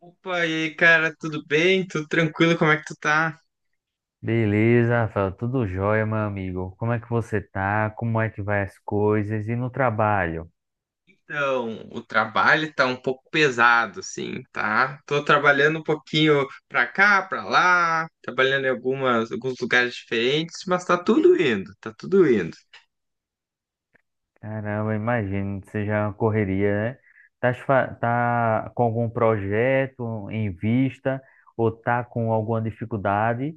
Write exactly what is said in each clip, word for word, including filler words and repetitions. Opa, e aí, cara, tudo bem? Tudo tranquilo? Como é que tu tá? Beleza, Rafael, tudo jóia, meu amigo. Como é que você tá? Como é que vai as coisas? E no trabalho? Então, o trabalho tá um pouco pesado, assim, tá? Tô trabalhando um pouquinho pra cá, pra lá, trabalhando em algumas, alguns lugares diferentes, mas tá tudo indo, tá tudo indo. Caramba, imagino que seja uma correria, né? Tá, fa- tá com algum projeto em vista ou tá com alguma dificuldade?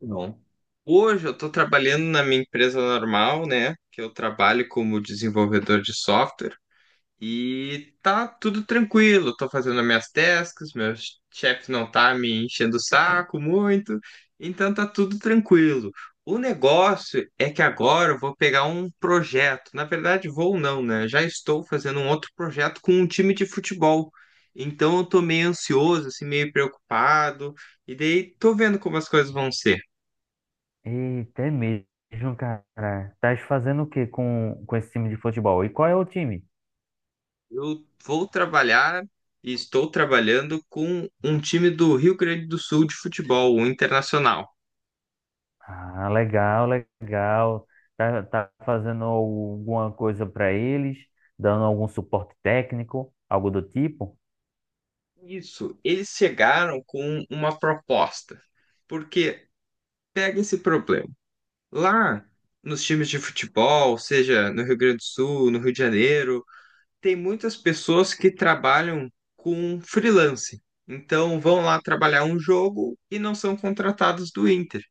Bom, hoje eu tô trabalhando na minha empresa normal, né? Que eu trabalho como desenvolvedor de software. E tá tudo tranquilo, tô fazendo as minhas tasks, meu chefe não tá me enchendo o saco muito, então tá tudo tranquilo. O negócio é que agora eu vou pegar um projeto, na verdade vou não, né? Já estou fazendo um outro projeto com um time de futebol. Então eu tô meio ansioso, assim, meio preocupado, e daí tô vendo como as coisas vão ser. Eita, é mesmo, cara. Tá fazendo o que com, com esse time de futebol? E qual é o time? Eu vou trabalhar e estou trabalhando com um time do Rio Grande do Sul de futebol, o Internacional. Ah, legal, legal. Tá, tá fazendo alguma coisa para eles, dando algum suporte técnico, algo do tipo? Isso, eles chegaram com uma proposta, porque pega esse problema. Lá nos times de futebol, seja no Rio Grande do Sul, no Rio de Janeiro, tem muitas pessoas que trabalham com freelance. Então vão lá trabalhar um jogo e não são contratados do Inter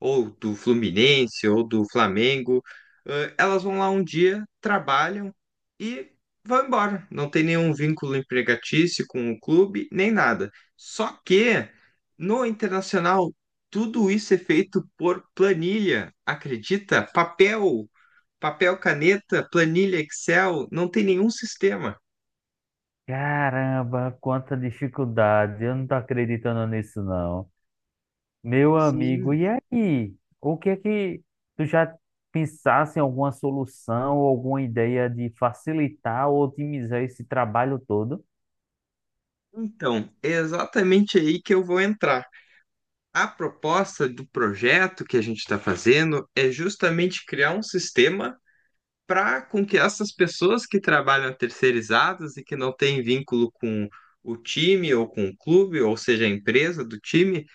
ou do Fluminense, ou do Flamengo, eh, elas vão lá um dia, trabalham e vão embora. Não tem nenhum vínculo empregatício com o clube, nem nada. Só que no Internacional, tudo isso é feito por planilha, acredita? Papel, papel, caneta, planilha Excel, não tem nenhum sistema. Caramba, quanta dificuldade. Eu não tô acreditando nisso, não. Meu amigo, Sim. e aí? O que é que tu já pensasse em alguma solução, alguma ideia de facilitar ou otimizar esse trabalho todo? Então, é exatamente aí que eu vou entrar. A proposta do projeto que a gente está fazendo é justamente criar um sistema para com que essas pessoas que trabalham terceirizadas e que não têm vínculo com o time ou com o clube, ou seja, a empresa do time,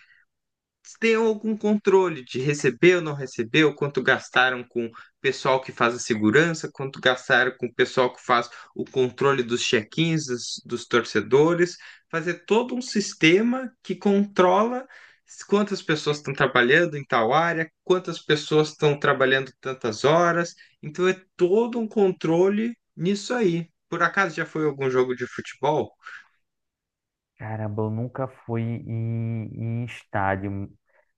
tenham algum controle de receber ou não receber, recebeu, quanto gastaram com o pessoal que faz a segurança, quanto gastaram com o pessoal que faz o controle dos check-ins, dos, dos torcedores, fazer todo um sistema que controla quantas pessoas estão trabalhando em tal área, quantas pessoas estão trabalhando tantas horas. Então é todo um controle nisso aí. Por acaso já foi algum jogo de futebol? Caramba, eu nunca fui em, em estádio,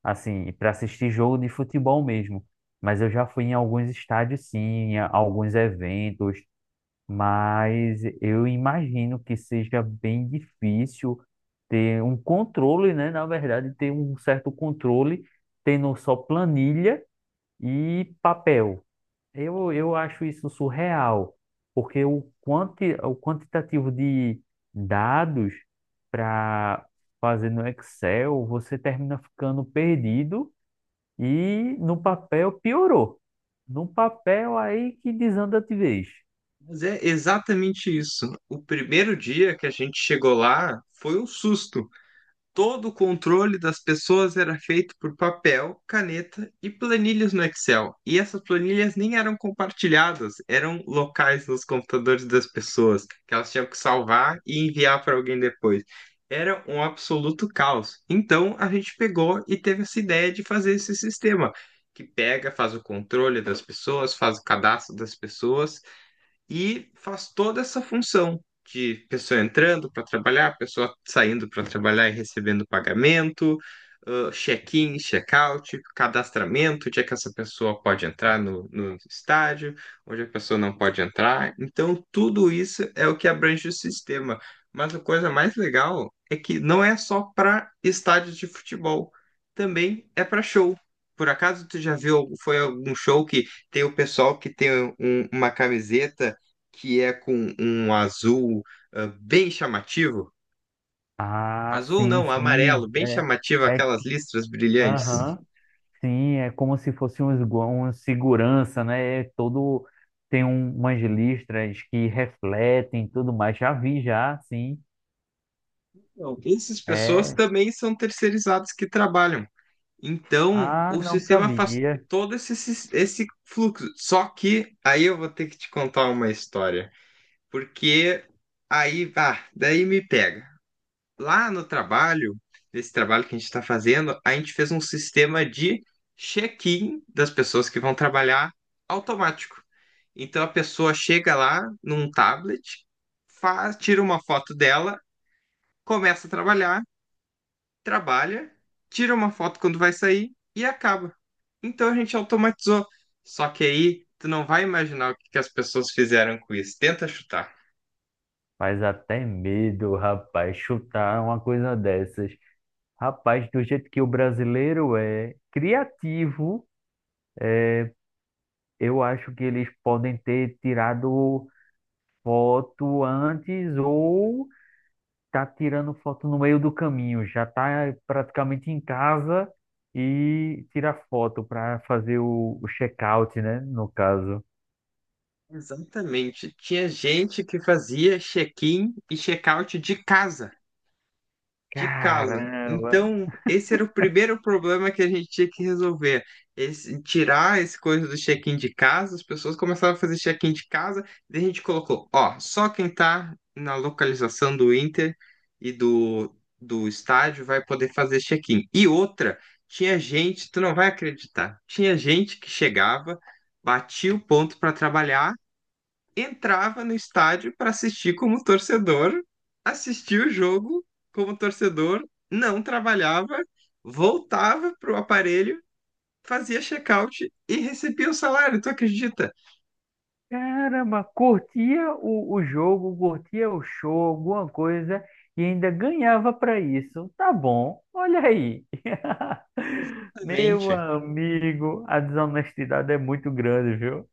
assim, para assistir jogo de futebol mesmo. Mas eu já fui em alguns estádios, sim, em a- alguns eventos. Mas eu imagino que seja bem difícil ter um controle, né? Na verdade, ter um certo controle, tendo só planilha e papel. Eu, eu acho isso surreal, porque o, quanti, o quantitativo de dados para fazer no Excel, você termina ficando perdido e no papel piorou. No papel aí que desanda de vez. Mas é exatamente isso. O primeiro dia que a gente chegou lá foi um susto. Todo o controle das pessoas era feito por papel, caneta e planilhas no Excel. E essas planilhas nem eram compartilhadas, eram locais nos computadores das pessoas, que elas tinham que salvar e enviar para alguém depois. Era um absoluto caos. Então a gente pegou e teve essa ideia de fazer esse sistema que pega, faz o controle das pessoas, faz o cadastro das pessoas e faz toda essa função de pessoa entrando para trabalhar, pessoa saindo para trabalhar e recebendo pagamento, ah, check-in, check-out, cadastramento, onde é que essa pessoa pode entrar no, no estádio, onde a pessoa não pode entrar. Então, tudo isso é o que abrange o sistema. Mas a coisa mais legal é que não é só para estádios de futebol, também é para show. Por acaso tu já viu, foi algum show que tem o pessoal que tem um- uma camiseta que é com um azul ah, bem chamativo. Ah, Azul sim, não, amarelo, sim. bem É, chamativo, é, aquelas listras brilhantes. aham, sim, é como se fosse um, esgo- um segurança, né? É todo, tem um, umas listras que refletem e tudo mais. Já vi, já, sim. Então, essas pessoas É, também são terceirizadas que trabalham. Então, ah, o não sistema faz sabia. todo esse, sis- esse fluxo. Só que aí eu vou ter que te contar uma história, porque aí, ah, daí me pega. Lá no trabalho, nesse trabalho que a gente está fazendo, a gente fez um sistema de check-in das pessoas que vão trabalhar automático. Então a pessoa chega lá num tablet, faz, tira uma foto dela, começa a trabalhar, trabalha, tira uma foto quando vai sair e acaba. Então a gente automatizou. Só que aí tu não vai imaginar o que que as pessoas fizeram com isso. Tenta chutar. Faz até medo, rapaz, chutar uma coisa dessas. Rapaz, do jeito que o brasileiro é criativo, eu acho que eles podem ter tirado foto antes ou tá tirando foto no meio do caminho, já tá praticamente em casa e tira foto para fazer o, o check-out, né, no caso. Exatamente. Tinha gente que fazia check-in e check-out de casa, de casa. Caramba! Então, esse era o primeiro problema que a gente tinha que resolver. Esse- tirar esse coisa do check-in de casa, as pessoas começaram a fazer check-in de casa, daí a gente colocou, ó, só quem tá na localização do Inter e do, do estádio vai poder fazer check-in. E outra, tinha gente, tu não vai acreditar, tinha gente que chegava, batia o ponto para trabalhar, entrava no estádio para assistir como torcedor, assistia o jogo como torcedor, não trabalhava, voltava pro aparelho, fazia check-out e recebia o salário, tu acredita? Caramba, curtia o, o jogo, curtia o show, alguma coisa, e ainda ganhava para isso. Tá bom, olha aí. Meu Exatamente, amigo, a desonestidade é muito grande, viu?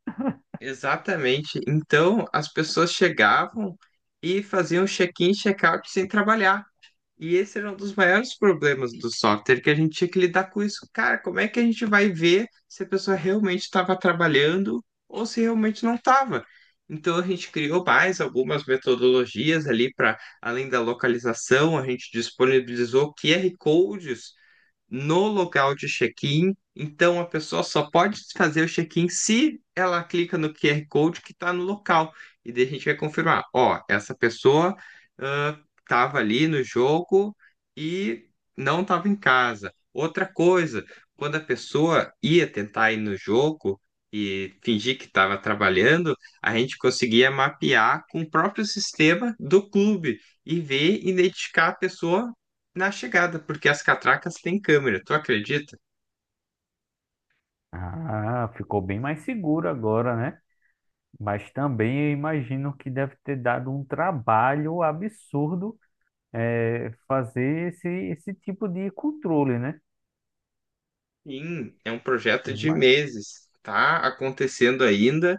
exatamente. Então as pessoas chegavam e faziam check-in, e check-out sem trabalhar. E esse era um dos maiores problemas do software, que a gente tinha que lidar com isso. Cara, como é que a gente vai ver se a pessoa realmente estava trabalhando ou se realmente não estava? Então a gente criou mais algumas metodologias ali para além da localização, a gente disponibilizou Q R codes no local de check-in. Então, a pessoa só pode fazer o check-in se ela clica no Q R Code que está no local. E daí a gente vai confirmar: ó, essa pessoa estava ali no jogo e não estava em casa. Outra coisa, quando a pessoa ia tentar ir no jogo e fingir que estava trabalhando, a gente conseguia mapear com o próprio sistema do clube e ver, identificar a pessoa na chegada, porque as catracas têm câmera, tu acredita? Ah, ficou bem mais seguro agora, né? Mas também eu imagino que deve ter dado um trabalho absurdo eh, fazer esse, esse tipo de controle, né? Sim, é um projeto de meses, tá acontecendo ainda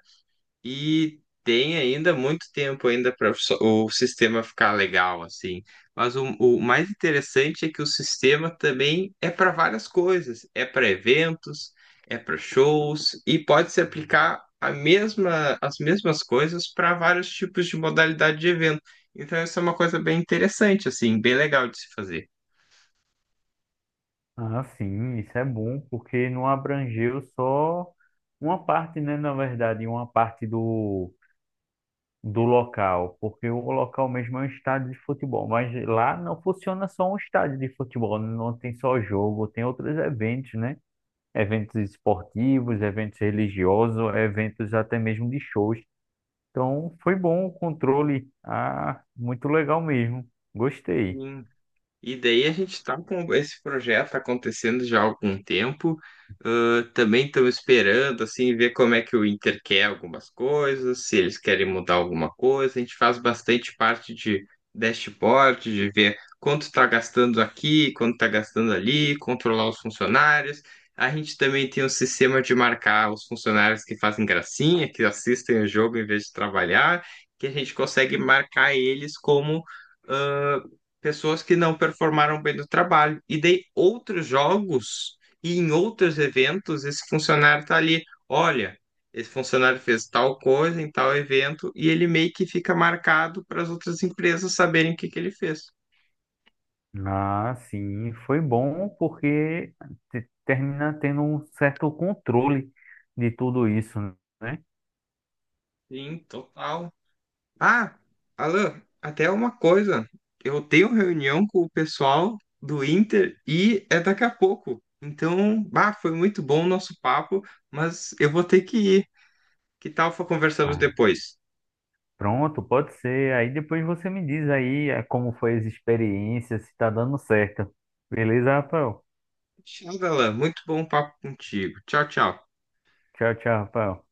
e tem ainda muito tempo ainda para o sistema ficar legal assim. Mas o, o mais interessante é que o sistema também é para várias coisas, é para eventos, é para shows e pode se aplicar a mesma, as mesmas coisas para vários tipos de modalidade de evento. Então, isso é uma coisa bem interessante, assim, bem legal de se fazer. Ah, sim, isso é bom, porque não abrangeu só uma parte, né, na verdade, uma parte do, do local, porque o local mesmo é um estádio de futebol, mas lá não funciona só um estádio de futebol, não tem só jogo, tem outros eventos, né? Eventos esportivos, eventos religiosos, eventos até mesmo de shows. Então, foi bom o controle. Ah, muito legal mesmo. Gostei. Sim. E daí a gente está com esse projeto acontecendo já há algum tempo. Ah, também estamos esperando assim ver como é que o Inter quer algumas coisas, se eles querem mudar alguma coisa. A gente faz bastante parte de dashboard, de ver quanto está gastando aqui, quanto está gastando ali, controlar os funcionários. A gente também tem um sistema de marcar os funcionários que fazem gracinha, que assistem o jogo em vez de trabalhar, que a gente consegue marcar eles como pessoas que não performaram bem no trabalho. E dei outros jogos e em outros eventos, esse funcionário tá ali, olha, esse funcionário fez tal coisa em tal evento e ele meio que fica marcado para as outras empresas saberem o que que ele fez. Ah, sim, foi bom porque te- termina tendo um certo controle de tudo isso, né? Sim, total. Ah, Alan, até uma coisa, eu tenho reunião com o pessoal do Inter e é daqui a pouco. Então, bah, foi muito bom o nosso papo, mas eu vou ter que ir. Que tal conversamos Ah, depois? pronto, pode ser. Aí depois você me diz aí eh, como foi as experiências, se tá dando certo. Beleza, Rafael? Tchau, Galan. Muito bom papo contigo. Tchau, tchau. Tchau, tchau, Rafael.